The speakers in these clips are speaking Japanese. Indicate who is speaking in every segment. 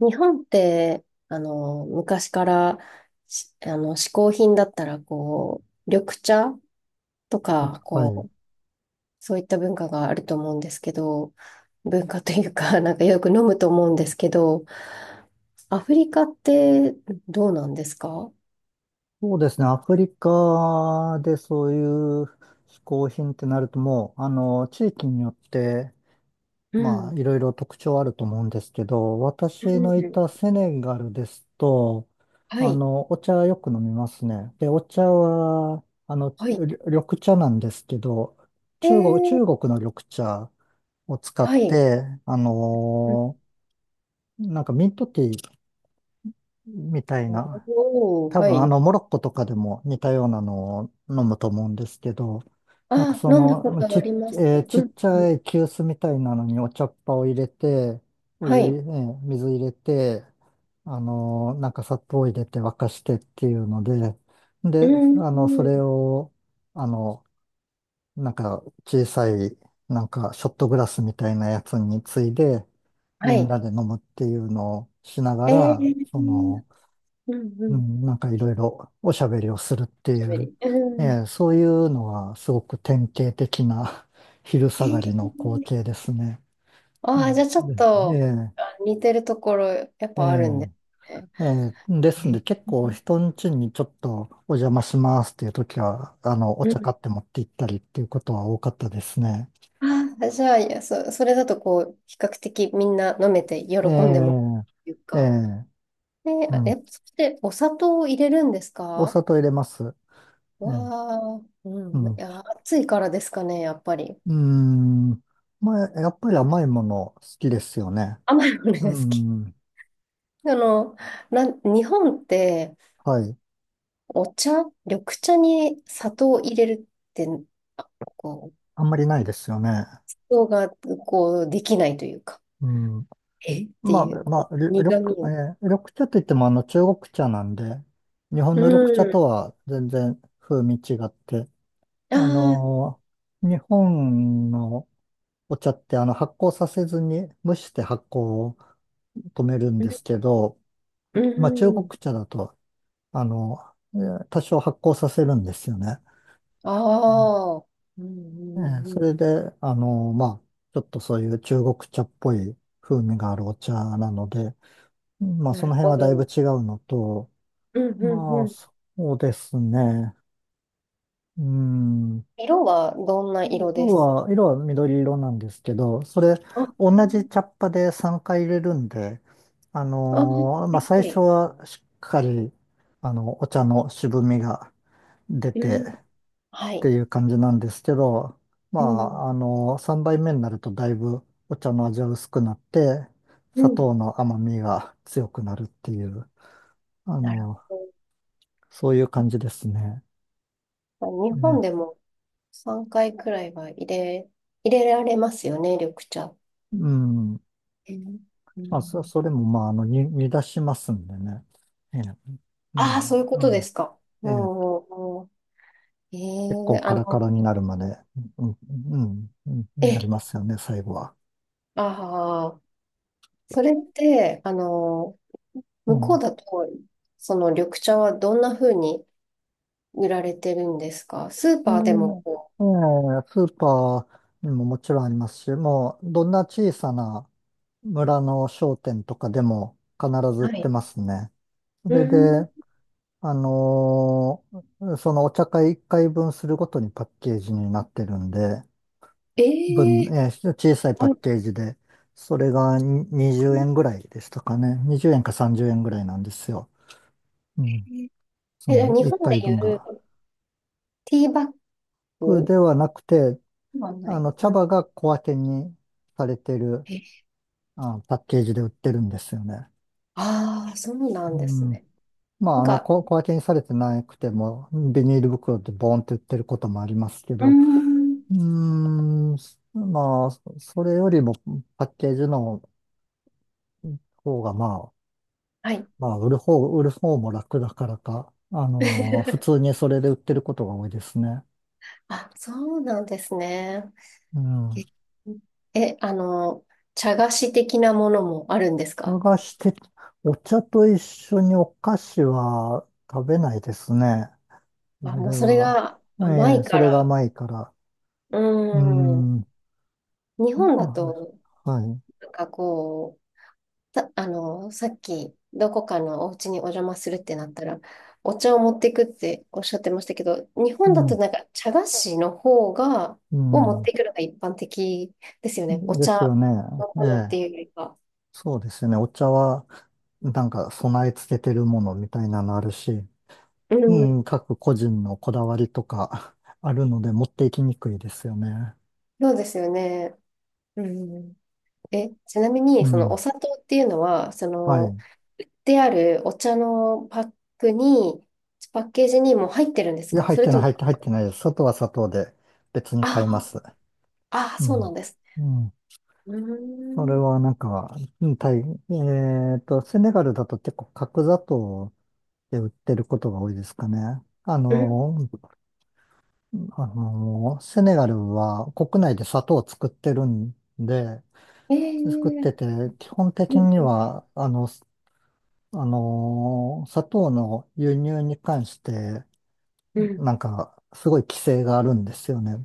Speaker 1: 日本って、昔からし、あの、嗜好品だったら、緑茶と
Speaker 2: あ、
Speaker 1: か、
Speaker 2: はい。
Speaker 1: そういった文化があると思うんですけど、文化というか、なんかよく飲むと思うんですけど、アフリカってどうなんですか？
Speaker 2: そうですね。アフリカでそういう嗜好品ってなるともう、地域によって、
Speaker 1: う
Speaker 2: まあ、
Speaker 1: ん。
Speaker 2: いろいろ特徴あると思うんですけど、
Speaker 1: う
Speaker 2: 私のい
Speaker 1: ん、
Speaker 2: たセネガルですと、
Speaker 1: はい。
Speaker 2: お茶よく飲みますね。で、お茶は、
Speaker 1: はい。
Speaker 2: 緑茶なんですけど、
Speaker 1: えー、
Speaker 2: 中国の緑茶を使っ
Speaker 1: はい。
Speaker 2: て、
Speaker 1: うん。
Speaker 2: なんかミントティーみたいな、
Speaker 1: おー、
Speaker 2: 多
Speaker 1: は
Speaker 2: 分
Speaker 1: い。
Speaker 2: モロッコとかでも似たようなのを飲むと思うんですけど、なんか
Speaker 1: あ、
Speaker 2: そ
Speaker 1: 飲んだこ
Speaker 2: の、
Speaker 1: とあります。
Speaker 2: ち
Speaker 1: う
Speaker 2: っ
Speaker 1: ん。
Speaker 2: ちゃい急須みたいなのにお茶っ葉を入れて、お
Speaker 1: は
Speaker 2: 湯、え
Speaker 1: い。
Speaker 2: ー水入れて、なんか砂糖を入れて沸かしてっていうので、
Speaker 1: う
Speaker 2: で、
Speaker 1: ん。
Speaker 2: それを、あの、なんか小さい、なんかショットグラスみたいなやつについで、
Speaker 1: は
Speaker 2: みん
Speaker 1: い。
Speaker 2: なで飲むっていうのをしなが
Speaker 1: え
Speaker 2: ら、
Speaker 1: ー
Speaker 2: その、
Speaker 1: うんう
Speaker 2: う
Speaker 1: ん。
Speaker 2: ん、なんかいろいろおしゃべりをするってい
Speaker 1: 喋
Speaker 2: う、
Speaker 1: り。
Speaker 2: え
Speaker 1: うん。
Speaker 2: え、そういうのはすごく典型的な 昼
Speaker 1: え
Speaker 2: 下がりの光
Speaker 1: ー、
Speaker 2: 景ですね。う
Speaker 1: ああ、じ
Speaker 2: ん
Speaker 1: ゃあちょっ
Speaker 2: でえ
Speaker 1: と、
Speaker 2: え、
Speaker 1: あ、似てるところやっ
Speaker 2: え
Speaker 1: ぱあるんで
Speaker 2: え、
Speaker 1: すね。
Speaker 2: ええで
Speaker 1: え
Speaker 2: すんで、
Speaker 1: ー
Speaker 2: 結構人ん家にちょっとお邪魔しますっていう時は、お
Speaker 1: う
Speaker 2: 茶
Speaker 1: ん。
Speaker 2: 買って持って行ったりっていうことは多かったですね。
Speaker 1: ああ、じゃあ、いや、それだと比較的みんな飲めて喜
Speaker 2: え
Speaker 1: んでもら
Speaker 2: え、
Speaker 1: えるっていう
Speaker 2: え
Speaker 1: か。
Speaker 2: え、
Speaker 1: ね、
Speaker 2: うん、
Speaker 1: そしてお砂糖を入れるんです
Speaker 2: お
Speaker 1: か？
Speaker 2: 砂糖入れます。ええ、
Speaker 1: わあ、う
Speaker 2: う
Speaker 1: ん。
Speaker 2: ん、
Speaker 1: い
Speaker 2: う
Speaker 1: や、暑いからですかね、やっぱり。
Speaker 2: ーん、まあ、やっぱり甘いもの好きですよね。
Speaker 1: 甘いものが
Speaker 2: う
Speaker 1: 好き。
Speaker 2: ん。
Speaker 1: あの、日本って、
Speaker 2: はい。
Speaker 1: お茶、緑茶に砂糖を入れるって、あ、
Speaker 2: あんまりないですよね。
Speaker 1: 想が、できないというか、
Speaker 2: うん。
Speaker 1: って
Speaker 2: まあ、
Speaker 1: いう、
Speaker 2: まあ、り緑、
Speaker 1: 苦味
Speaker 2: え
Speaker 1: を。
Speaker 2: ー緑茶といってもあの中国茶なんで、日本
Speaker 1: う
Speaker 2: の緑茶
Speaker 1: ん。
Speaker 2: とは全然風味違って、
Speaker 1: あ
Speaker 2: あ
Speaker 1: あ、
Speaker 2: の日本のお茶って発酵させずに蒸して発酵を止めるん
Speaker 1: うん。
Speaker 2: ですけど、
Speaker 1: う
Speaker 2: まあ中国
Speaker 1: ん。
Speaker 2: 茶だと、あの、多少発酵させるんですよね。うん、
Speaker 1: ああ、うん、うん、
Speaker 2: そ
Speaker 1: うん。
Speaker 2: れで、まあ、ちょっとそういう中国茶っぽい風味があるお茶なので、まあ、
Speaker 1: な
Speaker 2: その
Speaker 1: る
Speaker 2: 辺
Speaker 1: ほ
Speaker 2: はだいぶ
Speaker 1: ど。
Speaker 2: 違うのと、
Speaker 1: うん、うん、
Speaker 2: ま
Speaker 1: う
Speaker 2: あ、
Speaker 1: ん。
Speaker 2: そうですね。うん。
Speaker 1: 色はどんな色です
Speaker 2: 色は緑色なんですけど、それ、
Speaker 1: あ、あ、
Speaker 2: 同じ茶っ葉で3回入れるんで、
Speaker 1: は
Speaker 2: まあ、
Speaker 1: い
Speaker 2: 最
Speaker 1: は
Speaker 2: 初
Speaker 1: い。
Speaker 2: はしっかり、お茶の渋みが出
Speaker 1: う
Speaker 2: て
Speaker 1: ん。
Speaker 2: っ
Speaker 1: は
Speaker 2: て
Speaker 1: い。
Speaker 2: いう感じなんですけど、ま
Speaker 1: うん。
Speaker 2: あ、3杯目になるとだいぶお茶の味は薄くなって、
Speaker 1: う
Speaker 2: 砂糖
Speaker 1: ん。
Speaker 2: の甘みが強くなるっていう、あ
Speaker 1: なる
Speaker 2: の
Speaker 1: ほ
Speaker 2: そういう感じですね。
Speaker 1: ど。日本
Speaker 2: ね、
Speaker 1: でも3回くらいは入れられますよね、緑茶。
Speaker 2: うん。
Speaker 1: えーう
Speaker 2: まあ、
Speaker 1: ん。
Speaker 2: それも、まあ、煮出しますんでね。ええ、ま
Speaker 1: ああ、そういうこ
Speaker 2: あ、う
Speaker 1: とで
Speaker 2: ん、
Speaker 1: すか。
Speaker 2: ええ、
Speaker 1: うん。う
Speaker 2: 結
Speaker 1: ん、え
Speaker 2: 構
Speaker 1: え、
Speaker 2: カ
Speaker 1: あ
Speaker 2: ラカ
Speaker 1: の、
Speaker 2: ラになるまで、うん、うん、うん、うんなり
Speaker 1: え、
Speaker 2: ますよね、最後は。
Speaker 1: ああ、それって、あの、
Speaker 2: う
Speaker 1: 向こう
Speaker 2: ん。
Speaker 1: だと、その緑茶はどんな風に売られてるんですか？スー
Speaker 2: う
Speaker 1: パーで
Speaker 2: ん、
Speaker 1: も。
Speaker 2: ええ、スーパーにももちろんありますし、もう、どんな小さな村の商店とかでも必ず売っ
Speaker 1: は
Speaker 2: て
Speaker 1: い。
Speaker 2: ますね。そ
Speaker 1: う
Speaker 2: れ
Speaker 1: ん。
Speaker 2: で、そのお茶会1回分するごとにパッケージになってるんで、
Speaker 1: え
Speaker 2: 分、
Speaker 1: え、
Speaker 2: えー小さいパ
Speaker 1: あ
Speaker 2: ッケージで、それが20円ぐらいでしたかね。20円か30円ぐらいなんですよ。うん。そ
Speaker 1: じゃあ
Speaker 2: の
Speaker 1: 日
Speaker 2: 1
Speaker 1: 本で
Speaker 2: 回
Speaker 1: い
Speaker 2: 分が。
Speaker 1: うティーバッ
Speaker 2: 僕
Speaker 1: グ
Speaker 2: ではなくて、
Speaker 1: はない。
Speaker 2: 茶
Speaker 1: うん。
Speaker 2: 葉が小分けにされてる、
Speaker 1: え、
Speaker 2: あ、パッケージで売ってるんですよね。
Speaker 1: ああ、そうな
Speaker 2: う
Speaker 1: んです
Speaker 2: ん。
Speaker 1: ね。
Speaker 2: まあ、
Speaker 1: なんか、
Speaker 2: 小分けにされてなくても、ビニール袋でボーンって売ってることもありますけ
Speaker 1: うー
Speaker 2: ど、
Speaker 1: ん。
Speaker 2: うーん、まあ、それよりもパッケージの方が、まあ、
Speaker 1: はい。
Speaker 2: まあ、売る方も楽だからか、普通 にそれで売ってることが多いですね。
Speaker 1: あ、そうなんですね。
Speaker 2: うん。
Speaker 1: え、あの、茶菓子的なものもあるんですか？
Speaker 2: 探して、お茶と一緒にお菓子は食べないですね。
Speaker 1: あ、
Speaker 2: それ
Speaker 1: もうそれ
Speaker 2: は、
Speaker 1: が甘
Speaker 2: ええ、
Speaker 1: い
Speaker 2: そ
Speaker 1: か
Speaker 2: れが
Speaker 1: ら。
Speaker 2: 甘いから。
Speaker 1: うー
Speaker 2: うー
Speaker 1: ん。
Speaker 2: ん、
Speaker 1: 日本だ
Speaker 2: ま
Speaker 1: と、
Speaker 2: あ、はい。
Speaker 1: なんかこう、あの、さっき、どこかのお家にお邪魔するってなったら、お茶を持っていくっておっしゃってましたけど、日
Speaker 2: う
Speaker 1: 本だと
Speaker 2: ん、
Speaker 1: なんか茶菓子の方が、
Speaker 2: う
Speaker 1: を持っ
Speaker 2: ん。
Speaker 1: ていくのが一般的ですよね。お
Speaker 2: です
Speaker 1: 茶
Speaker 2: よね。
Speaker 1: の
Speaker 2: え
Speaker 1: ものって
Speaker 2: え。
Speaker 1: いうよりか。
Speaker 2: そうですね。お茶は、なんか備え付けてるものみたいなのあるし、
Speaker 1: う
Speaker 2: う
Speaker 1: ん、
Speaker 2: ん、各個人のこだわりとか あるので持っていきにくいですよね。
Speaker 1: そうですよね。うん。え、ちなみ
Speaker 2: う
Speaker 1: に、そのお
Speaker 2: ん。
Speaker 1: 砂糖っていうのは、そ
Speaker 2: は
Speaker 1: の、
Speaker 2: い。
Speaker 1: であるお茶のパックに、パッケージにもう入ってるんです
Speaker 2: いや、
Speaker 1: か？それとも、
Speaker 2: 入ってないです。砂糖は砂糖で別に買いま
Speaker 1: あ
Speaker 2: す。
Speaker 1: あ、ああ、
Speaker 2: う
Speaker 1: そうなん
Speaker 2: ん。
Speaker 1: です。
Speaker 2: うん。
Speaker 1: うー
Speaker 2: それ
Speaker 1: ん。
Speaker 2: はなんか、うん、タイ、えっと、セネガルだと結構角砂糖で売ってることが多いですかね。
Speaker 1: うん。
Speaker 2: セネガルは国内で砂糖を
Speaker 1: え
Speaker 2: 作っ
Speaker 1: ー、
Speaker 2: てて、基本的
Speaker 1: うん
Speaker 2: には、あの、すあのー砂糖の輸入に関して、
Speaker 1: うんう
Speaker 2: な
Speaker 1: ん。
Speaker 2: んか、すごい規制があるんですよね。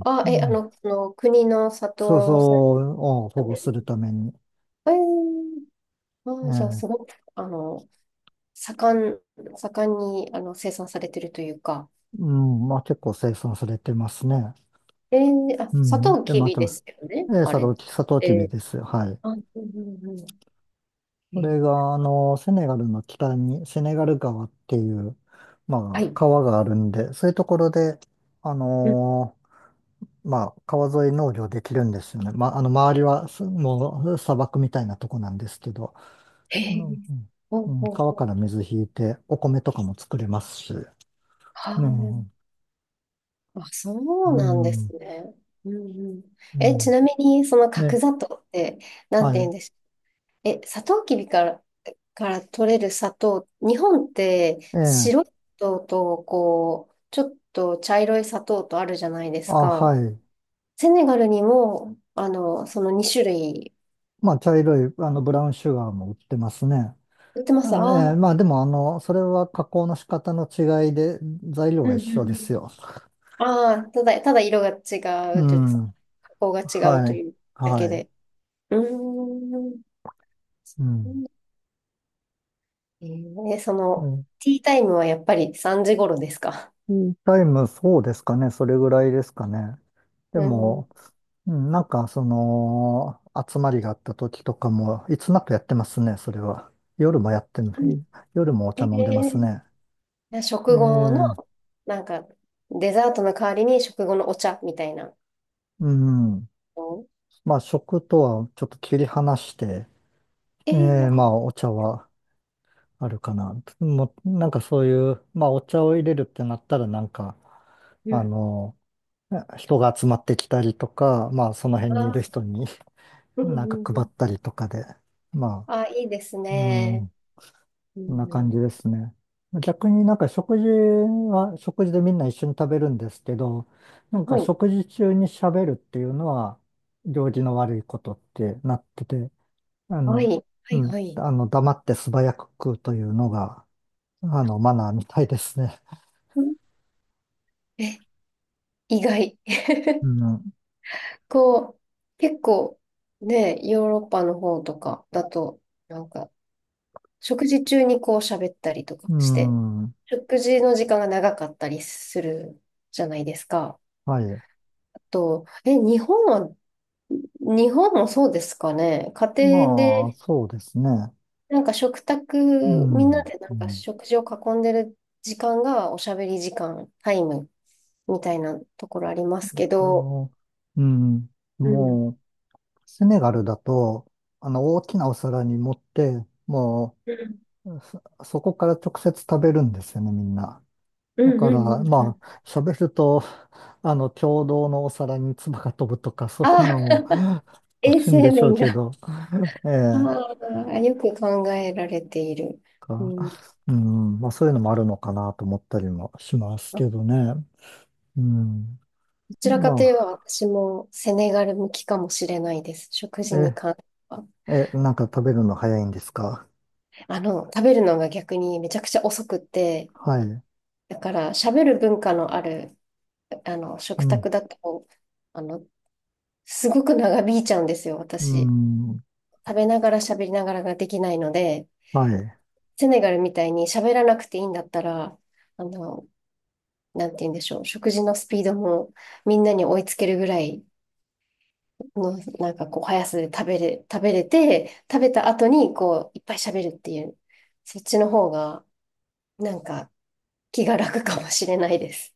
Speaker 1: あ、
Speaker 2: う
Speaker 1: え、あ
Speaker 2: ん、
Speaker 1: の、その国の砂
Speaker 2: そうそ
Speaker 1: 糖さん
Speaker 2: うを保
Speaker 1: み
Speaker 2: 護
Speaker 1: たい
Speaker 2: す
Speaker 1: な。
Speaker 2: るために。
Speaker 1: えー、あ、じゃあ、
Speaker 2: え
Speaker 1: す
Speaker 2: え、
Speaker 1: ごく、あの、盛ん、盛んに、あの、生産されてるというか、
Speaker 2: うん、まあ結構生産されてますね。
Speaker 1: あ、
Speaker 2: う
Speaker 1: サト
Speaker 2: ん。
Speaker 1: ウ
Speaker 2: で、
Speaker 1: キ
Speaker 2: ま
Speaker 1: ビで
Speaker 2: た、
Speaker 1: すよね、
Speaker 2: ええ、
Speaker 1: あれ。
Speaker 2: サトウ
Speaker 1: え
Speaker 2: キビ
Speaker 1: ー、
Speaker 2: です。はい。
Speaker 1: あ、うんうんうん。え
Speaker 2: こ
Speaker 1: ー
Speaker 2: れが、セネガルの北に、セネガル川っていう、
Speaker 1: は
Speaker 2: まあ、
Speaker 1: い。
Speaker 2: 川があるんで、そういうところで、あ
Speaker 1: うん。
Speaker 2: のまあ、川沿い農業できるんですよね。まあ、周りは、もう、砂漠みたいなとこなんですけど、
Speaker 1: へ
Speaker 2: そ
Speaker 1: え、
Speaker 2: の、うん、
Speaker 1: ほ
Speaker 2: う
Speaker 1: う
Speaker 2: ん、
Speaker 1: ほう
Speaker 2: 川
Speaker 1: ほ
Speaker 2: か
Speaker 1: う。
Speaker 2: ら水引いて、お米とかも作れますし、
Speaker 1: は
Speaker 2: うん、
Speaker 1: あ、あ、そう
Speaker 2: う
Speaker 1: なんです
Speaker 2: ん、
Speaker 1: ね。うんうん。
Speaker 2: う
Speaker 1: え、ち
Speaker 2: ん、
Speaker 1: なみに、その角
Speaker 2: ね、
Speaker 1: 砂糖って、なん
Speaker 2: は
Speaker 1: て言う
Speaker 2: い、
Speaker 1: んでしょう。え、サトウキビから、から取れる砂糖、日本って
Speaker 2: ええ、
Speaker 1: 白い砂糖と、こう、ちょっと茶色い砂糖とあるじゃないです
Speaker 2: あ、は
Speaker 1: か。
Speaker 2: い。
Speaker 1: セネガルにも、あの、その2種類
Speaker 2: まあ、茶色い、ブラウンシュガーも売ってますね。
Speaker 1: 売ってますあ
Speaker 2: ええ、
Speaker 1: あ、
Speaker 2: まあ、でも、それは加工の仕方の違いで、材料
Speaker 1: う
Speaker 2: は一
Speaker 1: んう
Speaker 2: 緒
Speaker 1: ん
Speaker 2: で
Speaker 1: うん。
Speaker 2: すよ。
Speaker 1: ああ、ただ色が違
Speaker 2: う
Speaker 1: うというかさ、
Speaker 2: ん、
Speaker 1: 加工が違う
Speaker 2: は
Speaker 1: と
Speaker 2: い、
Speaker 1: いうだけ
Speaker 2: はい、
Speaker 1: で。うーん。
Speaker 2: うん。
Speaker 1: えその、ティータイムはやっぱり3時頃ですか？
Speaker 2: ティータイム、そうですかね。それぐらいですかね。で
Speaker 1: うん。
Speaker 2: も、うん、なんか、その、集まりがあった時とかも、いつなくやってますね、それは。夜もやってんの、夜もお
Speaker 1: え
Speaker 2: 茶飲んでますね。
Speaker 1: ー、
Speaker 2: え
Speaker 1: 食後の、
Speaker 2: え、
Speaker 1: なんか、デザートの代わりに食後のお茶みたいな
Speaker 2: うん。
Speaker 1: の。
Speaker 2: まあ、食とはちょっと切り離して、ええ、ま
Speaker 1: あ、
Speaker 2: あ、お茶はあるかな。もう、なんかそういう、まあ、お茶を入れるってなったら、なんか、
Speaker 1: う
Speaker 2: あ
Speaker 1: ん。
Speaker 2: の、人が集まってきたりとか、まあ、その辺にいる
Speaker 1: あ、
Speaker 2: 人に
Speaker 1: うんう
Speaker 2: なんか
Speaker 1: んう
Speaker 2: 配っ
Speaker 1: ん。
Speaker 2: たりとかで。ま
Speaker 1: あ、いいです
Speaker 2: あ、う
Speaker 1: ね。
Speaker 2: ん、
Speaker 1: う
Speaker 2: こん
Speaker 1: ん
Speaker 2: な
Speaker 1: う
Speaker 2: 感じ
Speaker 1: ん。
Speaker 2: ですね。逆になんか食事は、食事でみんな一緒に食べるんですけど、なん
Speaker 1: は
Speaker 2: か
Speaker 1: い。
Speaker 2: 食事中に喋るっていうのは、行儀の悪いことってなってて、あ
Speaker 1: はい。
Speaker 2: の、
Speaker 1: は
Speaker 2: う
Speaker 1: い
Speaker 2: ん、
Speaker 1: はい。
Speaker 2: 黙って素早く食うというのが、マナーみたいですね。
Speaker 1: うん。え、意外。こう、結構ね、ヨーロッパの方とかだと、なんか、食事中にこう喋ったりとか
Speaker 2: う
Speaker 1: して、
Speaker 2: ん、うん、
Speaker 1: 食事の時間が長かったりするじゃないですか。
Speaker 2: はい。
Speaker 1: あと、え、日本は、日本もそうですかね。家庭
Speaker 2: まあ、
Speaker 1: で、
Speaker 2: そうですね。
Speaker 1: なんか食卓、
Speaker 2: う
Speaker 1: みんな
Speaker 2: ん、
Speaker 1: でな
Speaker 2: う
Speaker 1: んか
Speaker 2: ん、
Speaker 1: 食事を囲んでる時間がおしゃべり時間、タイムみたいなところありますけ
Speaker 2: で
Speaker 1: ど、
Speaker 2: も、うん、
Speaker 1: うん。
Speaker 2: もう、セネガルだと、大きなお皿に盛って、も
Speaker 1: うん
Speaker 2: う、そこから直接食べるんですよね、みんな。
Speaker 1: う
Speaker 2: だ
Speaker 1: ん
Speaker 2: か
Speaker 1: うんう
Speaker 2: ら、
Speaker 1: んう
Speaker 2: ま
Speaker 1: ん。
Speaker 2: あ、喋ると、共同のお皿に唾が飛ぶとか、そうい
Speaker 1: あ
Speaker 2: う
Speaker 1: あ、
Speaker 2: のも あ
Speaker 1: 衛
Speaker 2: るんで
Speaker 1: 生
Speaker 2: しょう
Speaker 1: 面
Speaker 2: け
Speaker 1: が、
Speaker 2: ど、ええ、
Speaker 1: ああ、よく考えられている。う
Speaker 2: か、
Speaker 1: ん。
Speaker 2: うん、まあ、そういうのもあるのかなと思ったりもします
Speaker 1: あ、
Speaker 2: けどね。うん。
Speaker 1: どちらかといえば
Speaker 2: ま
Speaker 1: 私もセネガル向きかもしれないです。食
Speaker 2: あ、
Speaker 1: 事に関しては。
Speaker 2: なんか食べるの早いんですか？
Speaker 1: あの、食べるのが逆にめちゃくちゃ遅くって、
Speaker 2: はい。
Speaker 1: だから喋る文化のある、あの、
Speaker 2: う
Speaker 1: 食
Speaker 2: ん、
Speaker 1: 卓だと、あの、すごく長引いちゃうんですよ、
Speaker 2: う
Speaker 1: 私。
Speaker 2: ん、
Speaker 1: 食べながら喋りながらができないので、
Speaker 2: はい。
Speaker 1: セネガルみたいに喋らなくていいんだったら、あの、なんて言うんでしょう、食事のスピードもみんなに追いつけるぐらい、の、なんかこう、速さで食べれて、食べた後に、こう、いっぱい喋るっていう、そっちの方が、なんか、気が楽かもしれないです。